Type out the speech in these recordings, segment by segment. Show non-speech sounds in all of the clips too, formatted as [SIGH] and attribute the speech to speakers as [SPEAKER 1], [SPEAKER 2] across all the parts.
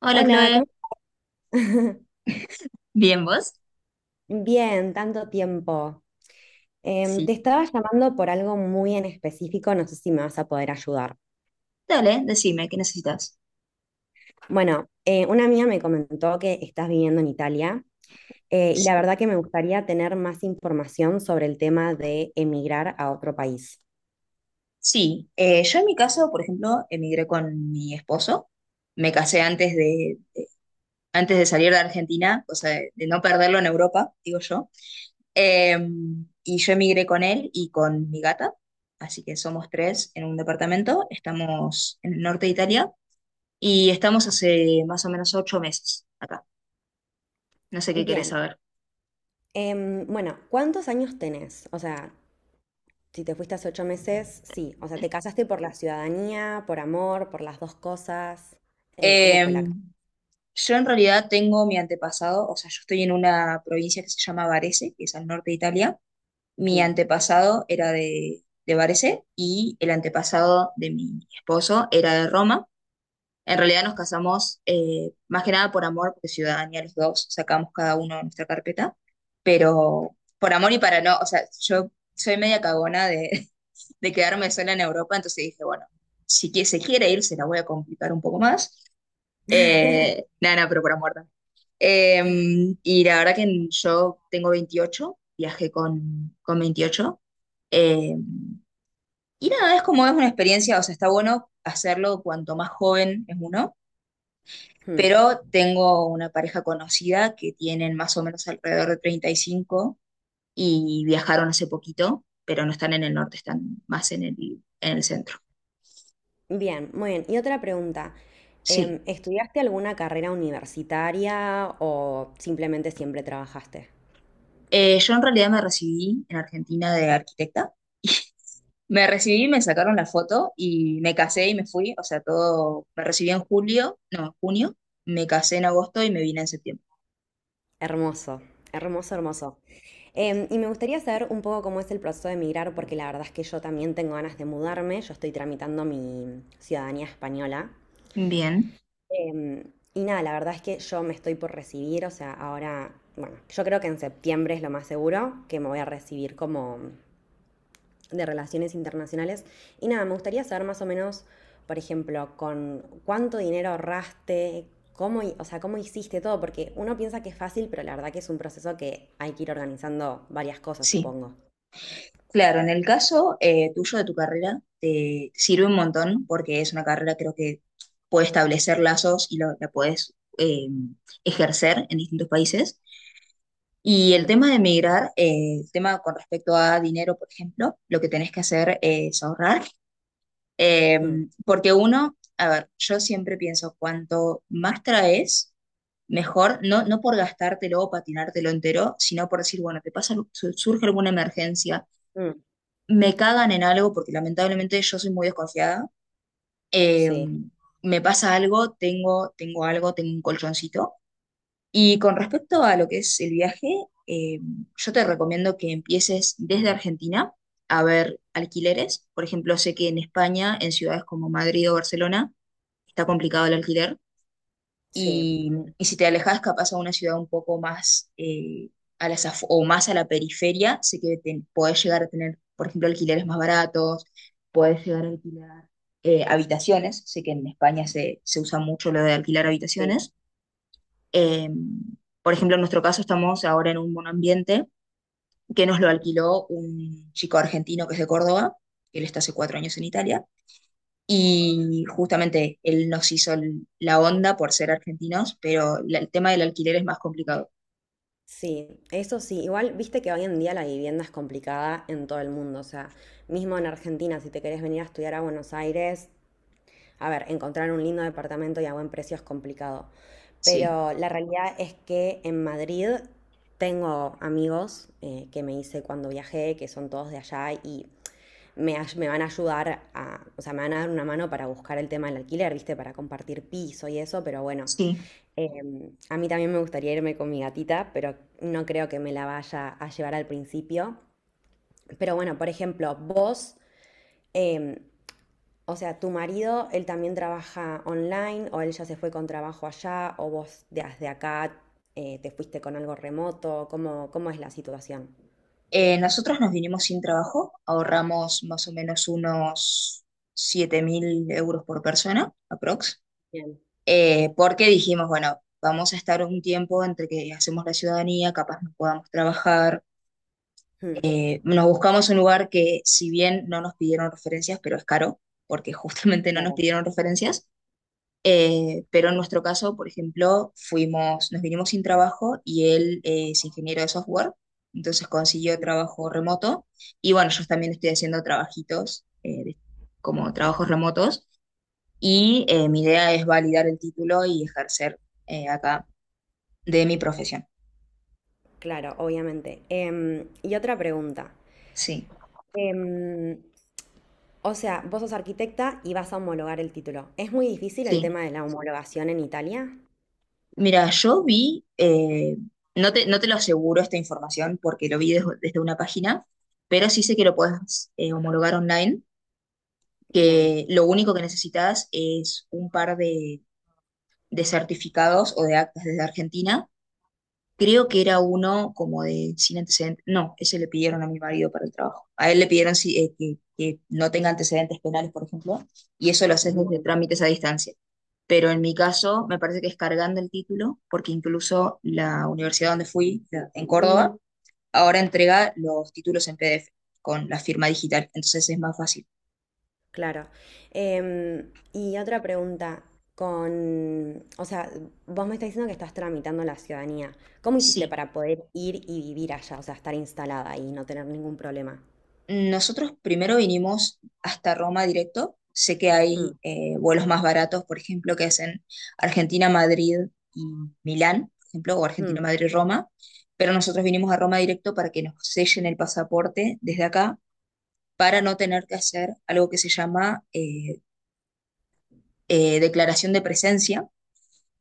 [SPEAKER 1] Hola,
[SPEAKER 2] Hola,
[SPEAKER 1] Chloe.
[SPEAKER 2] ¿cómo? [LAUGHS]
[SPEAKER 1] ¿Bien vos?
[SPEAKER 2] Bien, tanto tiempo.
[SPEAKER 1] Sí.
[SPEAKER 2] Te estaba llamando por algo muy en específico, no sé si me vas a poder ayudar.
[SPEAKER 1] Dale, decime, ¿qué necesitas?
[SPEAKER 2] Bueno, una amiga me comentó que estás viviendo en Italia, y la verdad que me gustaría tener más información sobre el tema de emigrar a otro país.
[SPEAKER 1] Sí, yo en mi caso, por ejemplo, emigré con mi esposo. Me casé antes de salir de Argentina, o sea, de no perderlo en Europa, digo yo. Eh, y yo emigré con él y con mi gata, así que somos tres en un departamento. Estamos en el norte de Italia y estamos hace más o menos 8 meses acá. No sé qué querés
[SPEAKER 2] Bien,
[SPEAKER 1] saber.
[SPEAKER 2] bueno, ¿cuántos años tenés? O sea, si te fuiste hace ocho meses, sí. O sea, ¿te casaste por la ciudadanía, por amor, por las dos cosas? ¿Cómo
[SPEAKER 1] Eh,
[SPEAKER 2] fue la...
[SPEAKER 1] Yo en realidad tengo mi antepasado, o sea, yo estoy en una provincia que se llama Varese, que es al norte de Italia. Mi
[SPEAKER 2] Mm.
[SPEAKER 1] antepasado era de Varese y el antepasado de mi esposo era de Roma. En realidad nos casamos más que nada por amor, porque ciudadanía los dos, sacamos cada uno nuestra carpeta, pero por amor y para no, o sea, yo soy media cagona de, [LAUGHS] de quedarme sola en Europa, entonces dije, bueno, si que se quiere ir, se la voy a complicar un poco más. Eh,
[SPEAKER 2] [LAUGHS]
[SPEAKER 1] nada, nada, pero por amor también. Eh, y la verdad que yo tengo 28, viajé con 28. Eh, y nada, es como es una experiencia, o sea, está bueno hacerlo cuanto más joven es uno,
[SPEAKER 2] Hmm.
[SPEAKER 1] pero tengo una pareja conocida que tienen más o menos alrededor de 35 y cinco y viajaron hace poquito, pero no están en el norte, están más en el centro.
[SPEAKER 2] Bien, muy bien. Y otra pregunta.
[SPEAKER 1] Sí.
[SPEAKER 2] ¿Estudiaste alguna carrera universitaria o simplemente siempre trabajaste?
[SPEAKER 1] Yo en realidad me recibí en Argentina de arquitecta. [LAUGHS] Me recibí, me sacaron la foto y me casé y me fui. O sea, todo, me recibí en julio, no, en junio, me casé en agosto y me vine en septiembre.
[SPEAKER 2] Hermoso, hermoso, hermoso. Y me gustaría saber un poco cómo es el proceso de emigrar, porque la verdad es que yo también tengo ganas de mudarme. Yo estoy tramitando mi ciudadanía española.
[SPEAKER 1] Bien,
[SPEAKER 2] Em, y nada, la verdad es que yo me estoy por recibir, o sea, ahora, bueno, yo creo que en septiembre es lo más seguro que me voy a recibir como de relaciones internacionales. Y nada, me gustaría saber más o menos, por ejemplo, con cuánto dinero ahorraste, cómo, o sea, cómo hiciste todo, porque uno piensa que es fácil, pero la verdad que es un proceso que hay que ir organizando varias cosas,
[SPEAKER 1] sí.
[SPEAKER 2] supongo.
[SPEAKER 1] Claro, en el caso tuyo de tu carrera, te sirve un montón porque es una carrera creo que puede establecer lazos y la puedes eh, ejercer en distintos países. Y el
[SPEAKER 2] Mm,
[SPEAKER 1] tema de emigrar, el tema con respecto a dinero, por ejemplo, lo que tenés que hacer es ahorrar. Eh,
[SPEAKER 2] mm,
[SPEAKER 1] Porque uno, a ver, yo siempre pienso, cuanto más traes, mejor, no, no por gastártelo o patinártelo entero, sino por decir, bueno, te pasa, surge alguna emergencia,
[SPEAKER 2] mm.
[SPEAKER 1] me cagan en algo, porque lamentablemente yo soy muy desconfiada, eh,
[SPEAKER 2] Sí,
[SPEAKER 1] me pasa algo, tengo algo, tengo un colchoncito. Y con respecto a lo que es el viaje, eh, yo te recomiendo que empieces desde Argentina a ver alquileres. Por ejemplo, sé que en España, en ciudades como Madrid o Barcelona, está complicado el alquiler.
[SPEAKER 2] sí,
[SPEAKER 1] Y, y si te alejas capaz a una ciudad un poco más a las o más a la periferia, sé que podés llegar a tener, por ejemplo, alquileres más baratos, podés llegar a alquilar habitaciones. Sé que en España se usa mucho lo de alquilar
[SPEAKER 2] sí.
[SPEAKER 1] habitaciones. Eh, por ejemplo, en nuestro caso estamos ahora en un monoambiente que nos lo alquiló un chico argentino que es de Córdoba, él está hace 4 años en Italia y justamente él nos hizo la onda por ser argentinos, pero el tema del alquiler es más complicado.
[SPEAKER 2] Sí, eso sí, igual viste que hoy en día la vivienda es complicada en todo el mundo, o sea, mismo en Argentina, si te querés venir a estudiar a Buenos Aires, a ver, encontrar un lindo departamento y a buen precio es complicado,
[SPEAKER 1] Sí,
[SPEAKER 2] pero la realidad es que en Madrid tengo amigos que me hice cuando viajé, que son todos de allá y me, me van a ayudar a, o sea, me van a dar una mano para buscar el tema del alquiler, ¿viste? Para compartir piso y eso, pero bueno,
[SPEAKER 1] sí.
[SPEAKER 2] a mí también me gustaría irme con mi gatita, pero no creo que me la vaya a llevar al principio. Pero bueno, por ejemplo, vos... em, o sea, tu marido, él también trabaja online o él ya se fue con trabajo allá o vos desde acá te fuiste con algo remoto. Cómo es la situación?
[SPEAKER 1] Nosotros nos vinimos sin trabajo, ahorramos más o menos unos 7.000 euros por persona, aprox,
[SPEAKER 2] Bien.
[SPEAKER 1] porque dijimos, bueno, vamos a estar un tiempo entre que hacemos la ciudadanía, capaz no podamos trabajar.
[SPEAKER 2] Mm,
[SPEAKER 1] Nos buscamos un lugar que, si bien no nos pidieron referencias, pero es caro, porque [LAUGHS] justamente no nos
[SPEAKER 2] claro,
[SPEAKER 1] pidieron referencias. Pero en nuestro caso, por ejemplo, fuimos, nos vinimos sin trabajo y él es ingeniero de software, entonces consiguió trabajo remoto. Y bueno, yo también estoy haciendo trabajitos como trabajos remotos y mi idea es validar el título y ejercer acá de mi profesión.
[SPEAKER 2] claro, obviamente. Em, y otra pregunta.
[SPEAKER 1] Sí,
[SPEAKER 2] Em, o sea, vos sos arquitecta y vas a homologar el título. ¿Es muy difícil el
[SPEAKER 1] sí.
[SPEAKER 2] tema de la homologación en Italia?
[SPEAKER 1] Mira, yo vi, no te lo aseguro esta información porque lo vi desde una página, pero sí sé que lo puedes homologar online,
[SPEAKER 2] Bien.
[SPEAKER 1] que lo único que necesitas es un par de certificados o de actas desde Argentina. Creo que era uno como de sin antecedentes. No, ese le pidieron a mi marido para el trabajo. A él le pidieron sí, que no tenga antecedentes penales, por ejemplo, y eso lo haces desde trámites a distancia. Pero en mi caso, me parece que es cargando el título, porque incluso la universidad donde fui, en Córdoba, ahora entrega los títulos en PDF con la firma digital, entonces es más fácil.
[SPEAKER 2] Claro. Em, y otra pregunta, con, o sea, vos me estás diciendo que estás tramitando la ciudadanía. ¿Cómo hiciste
[SPEAKER 1] Sí.
[SPEAKER 2] para poder ir y vivir allá, o sea, estar instalada y no tener ningún problema?
[SPEAKER 1] Nosotros primero vinimos hasta Roma directo. Sé que hay
[SPEAKER 2] Mm,
[SPEAKER 1] vuelos más baratos, por ejemplo, que hacen Argentina-Madrid y Milán, por ejemplo, o
[SPEAKER 2] mm,
[SPEAKER 1] Argentina-Madrid-Roma, pero nosotros vinimos a Roma directo para que nos sellen el pasaporte desde acá, para no tener que hacer algo que se llama declaración de presencia,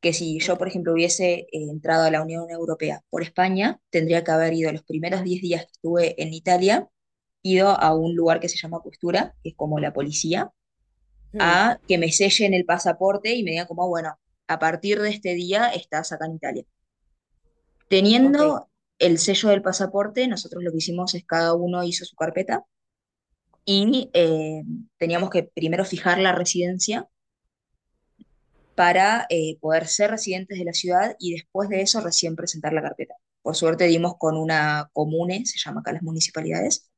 [SPEAKER 1] que si yo,
[SPEAKER 2] ok,
[SPEAKER 1] por ejemplo, hubiese entrado a la Unión Europea por España, tendría que haber ido los primeros 10 días que estuve en Italia, ido a un lugar que se llama Costura, que es como la policía,
[SPEAKER 2] mm,
[SPEAKER 1] a que me sellen el pasaporte y me digan como, bueno, a partir de este día estás acá en Italia.
[SPEAKER 2] ok,
[SPEAKER 1] Teniendo el sello del pasaporte, nosotros lo que hicimos es cada uno hizo su carpeta y teníamos que primero fijar la residencia para poder ser residentes de la ciudad y después de eso recién presentar la carpeta. Por suerte dimos con una comune, se llama acá las municipalidades,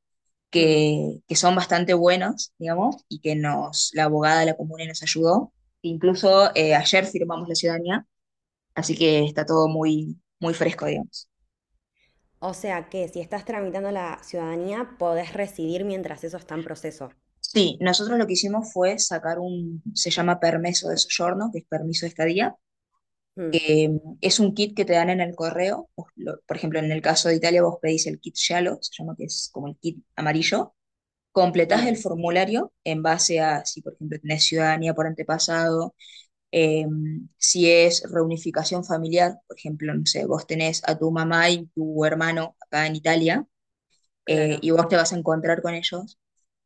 [SPEAKER 2] mm.
[SPEAKER 1] que son bastante buenos, digamos, y que nos, la abogada de la comuna nos ayudó. Incluso ayer firmamos la ciudadanía, así que está todo muy, muy fresco, digamos.
[SPEAKER 2] O sea que si estás tramitando la ciudadanía, podés residir mientras eso está en proceso.
[SPEAKER 1] Sí, nosotros lo que hicimos fue sacar un, se llama permiso de soggiorno, que es permiso de estadía.
[SPEAKER 2] Mm,
[SPEAKER 1] Eh, es un kit que te dan en el correo. Vos por ejemplo, en el caso de Italia, vos pedís el kit Shallow, se llama, que es como el kit amarillo. Completás el
[SPEAKER 2] bien,
[SPEAKER 1] formulario en base a si, por ejemplo, tenés ciudadanía por antepasado. Eh, si es reunificación familiar, por ejemplo, no sé, vos tenés a tu mamá y tu hermano acá en Italia,
[SPEAKER 2] claro,
[SPEAKER 1] y vos te vas a encontrar con ellos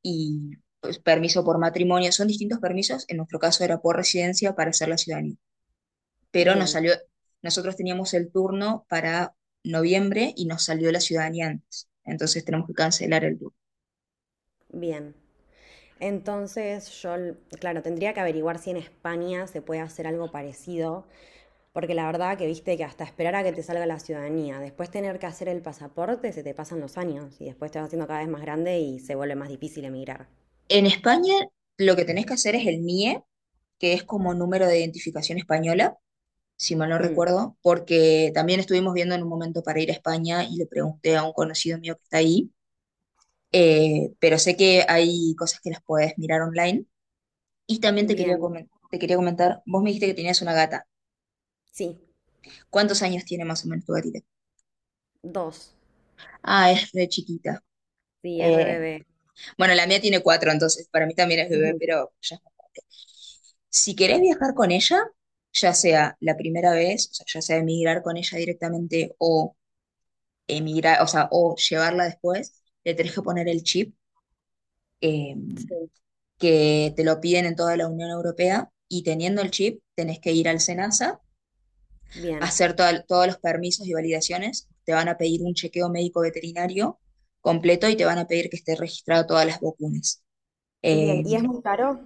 [SPEAKER 1] y pues, permiso por matrimonio, son distintos permisos, en nuestro caso era por residencia para hacer la ciudadanía, pero nos
[SPEAKER 2] bien,
[SPEAKER 1] salió, nosotros teníamos el turno para noviembre y nos salió la ciudadanía antes, entonces tenemos que cancelar el turno.
[SPEAKER 2] bien. Entonces yo, claro, tendría que averiguar si en España se puede hacer algo parecido, porque la verdad que viste que hasta esperar a que te salga la ciudadanía, después tener que hacer el pasaporte, se te pasan los años y después te vas haciendo cada vez más grande y se vuelve más difícil emigrar.
[SPEAKER 1] En España lo que tenés que hacer es el NIE, que es como número de identificación española, si mal no
[SPEAKER 2] Hmm,
[SPEAKER 1] recuerdo, porque también estuvimos viendo en un momento para ir a España y le pregunté a un conocido mío que está ahí, pero sé que hay cosas que las puedes mirar online. Y también te quería
[SPEAKER 2] bien,
[SPEAKER 1] comentar. Te quería comentar, vos me dijiste que tenías una gata.
[SPEAKER 2] sí,
[SPEAKER 1] ¿Cuántos años tiene más o menos tu gatita?
[SPEAKER 2] dos.
[SPEAKER 1] Ah, es re chiquita.
[SPEAKER 2] Sí,
[SPEAKER 1] Eh,
[SPEAKER 2] RBB.
[SPEAKER 1] bueno, la mía tiene cuatro, entonces para mí también es bebé,
[SPEAKER 2] Ujú,
[SPEAKER 1] pero ya. Si querés viajar con ella, ya sea la primera vez, o sea, ya sea emigrar con ella directamente o emigrar, o sea, o llevarla después, le tenés que poner el chip, eh,
[SPEAKER 2] sí,
[SPEAKER 1] que te lo piden en toda la Unión Europea y teniendo el chip tenés que ir al SENASA,
[SPEAKER 2] bien.
[SPEAKER 1] hacer todos los permisos y validaciones, te van a pedir un chequeo médico veterinario completo y te van a pedir que esté registrado todas las vacunas.
[SPEAKER 2] Bien,
[SPEAKER 1] Eh,
[SPEAKER 2] ¿y es muy caro?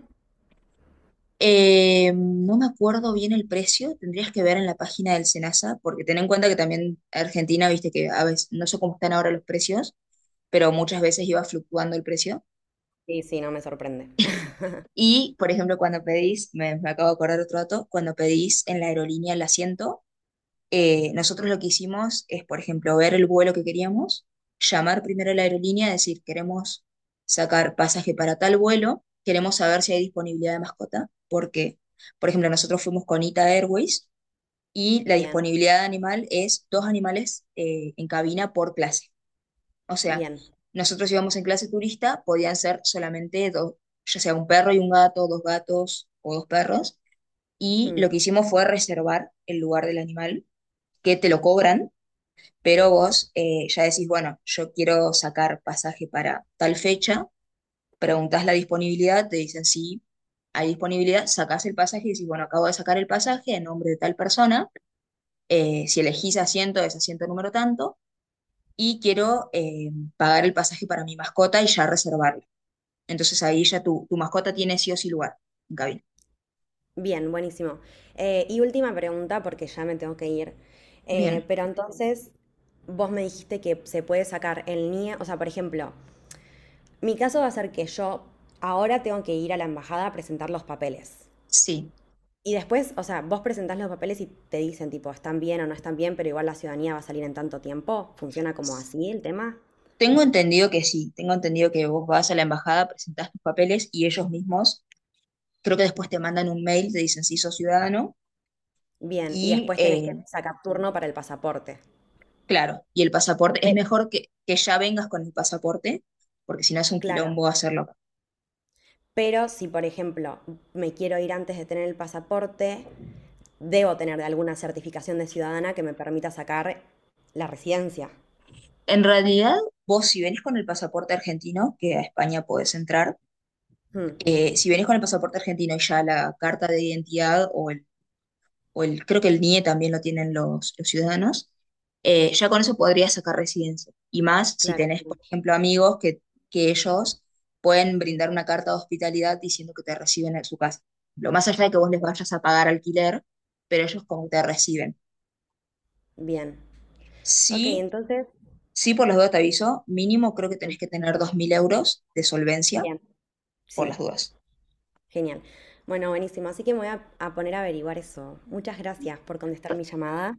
[SPEAKER 1] no me acuerdo bien el precio, tendrías que ver en la página del SENASA, porque ten en cuenta que también Argentina, viste que a veces, no sé cómo están ahora los precios, pero muchas veces iba fluctuando el precio.
[SPEAKER 2] Sí, sí, no me sorprende. [LAUGHS]
[SPEAKER 1] Y, por ejemplo, cuando pedís, me acabo de acordar otro dato, cuando pedís en la aerolínea el asiento, nosotros lo que hicimos es, por ejemplo, ver el vuelo que queríamos, llamar primero a la aerolínea, decir, queremos sacar pasaje para tal vuelo, queremos saber si hay disponibilidad de mascota, porque, por ejemplo, nosotros fuimos con Ita Airways y la
[SPEAKER 2] Bien,
[SPEAKER 1] disponibilidad de animal es dos animales en cabina por clase. O sea,
[SPEAKER 2] bien.
[SPEAKER 1] nosotros íbamos en clase turista, podían ser solamente dos, ya sea un perro y un gato, dos gatos o dos perros. Y
[SPEAKER 2] Hmm.
[SPEAKER 1] lo que hicimos fue reservar el lugar del animal, que te lo cobran, pero vos ya decís, bueno, yo quiero sacar pasaje para tal fecha, preguntás la disponibilidad, te dicen sí, hay disponibilidad, sacás el pasaje y decís, bueno, acabo de sacar el pasaje en nombre de tal persona, si elegís asiento es asiento número tanto, y quiero pagar el pasaje para mi mascota y ya reservar. Entonces ahí ya tu mascota tiene sí o sí lugar en cabina.
[SPEAKER 2] Bien, buenísimo. Y última pregunta, porque ya me tengo que ir.
[SPEAKER 1] Bien,
[SPEAKER 2] Pero entonces, vos me dijiste que se puede sacar el NIE. O sea, por ejemplo, mi caso va a ser que yo ahora tengo que ir a la embajada a presentar los papeles.
[SPEAKER 1] sí.
[SPEAKER 2] Y después, o sea, vos presentás los papeles y te dicen, tipo, están bien o no están bien, pero igual la ciudadanía va a salir en tanto tiempo. ¿Funciona como así el tema?
[SPEAKER 1] Tengo entendido que sí, tengo entendido que vos vas a la embajada, presentás tus papeles y ellos mismos, creo que después te mandan un mail, te dicen si sos ciudadano
[SPEAKER 2] Bien. Y
[SPEAKER 1] y
[SPEAKER 2] después tenés que sacar turno para el pasaporte.
[SPEAKER 1] claro, y el pasaporte, es
[SPEAKER 2] Pe-
[SPEAKER 1] mejor que ya vengas con el pasaporte, porque si no es un
[SPEAKER 2] claro.
[SPEAKER 1] quilombo hacerlo acá.
[SPEAKER 2] Pero si, por ejemplo, me quiero ir antes de tener el pasaporte, debo tener de alguna certificación de ciudadana que me permita sacar la residencia.
[SPEAKER 1] En realidad, vos si venís con el pasaporte argentino, que a España podés entrar,
[SPEAKER 2] Mm,
[SPEAKER 1] si venís con el pasaporte argentino y ya la carta de identidad creo que el NIE también lo tienen los ciudadanos, ya con eso podrías sacar residencia. Y más si
[SPEAKER 2] claro.
[SPEAKER 1] tenés, por ejemplo, amigos que ellos pueden brindar una carta de hospitalidad diciendo que te reciben en su casa. Lo más allá de que vos les vayas a pagar alquiler, pero ellos como que te reciben.
[SPEAKER 2] Bien. Ok,
[SPEAKER 1] Sí,
[SPEAKER 2] entonces,
[SPEAKER 1] sí, por las dudas te aviso, mínimo creo que
[SPEAKER 2] mm,
[SPEAKER 1] tenés que tener 2.000 euros de solvencia
[SPEAKER 2] bien.
[SPEAKER 1] por las
[SPEAKER 2] Sí,
[SPEAKER 1] dudas.
[SPEAKER 2] genial. Bueno, buenísimo. Así que me voy a poner a averiguar eso. Muchas gracias por
[SPEAKER 1] P-
[SPEAKER 2] contestar mi llamada.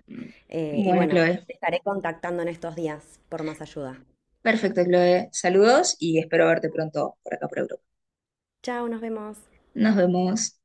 [SPEAKER 2] Y
[SPEAKER 1] Bueno,
[SPEAKER 2] bueno,
[SPEAKER 1] Chloe.
[SPEAKER 2] te estaré contactando en estos días por más ayuda.
[SPEAKER 1] Perfecto, Chloe. Saludos y espero verte pronto por acá por Europa.
[SPEAKER 2] Chao, nos vemos.
[SPEAKER 1] Nos vemos.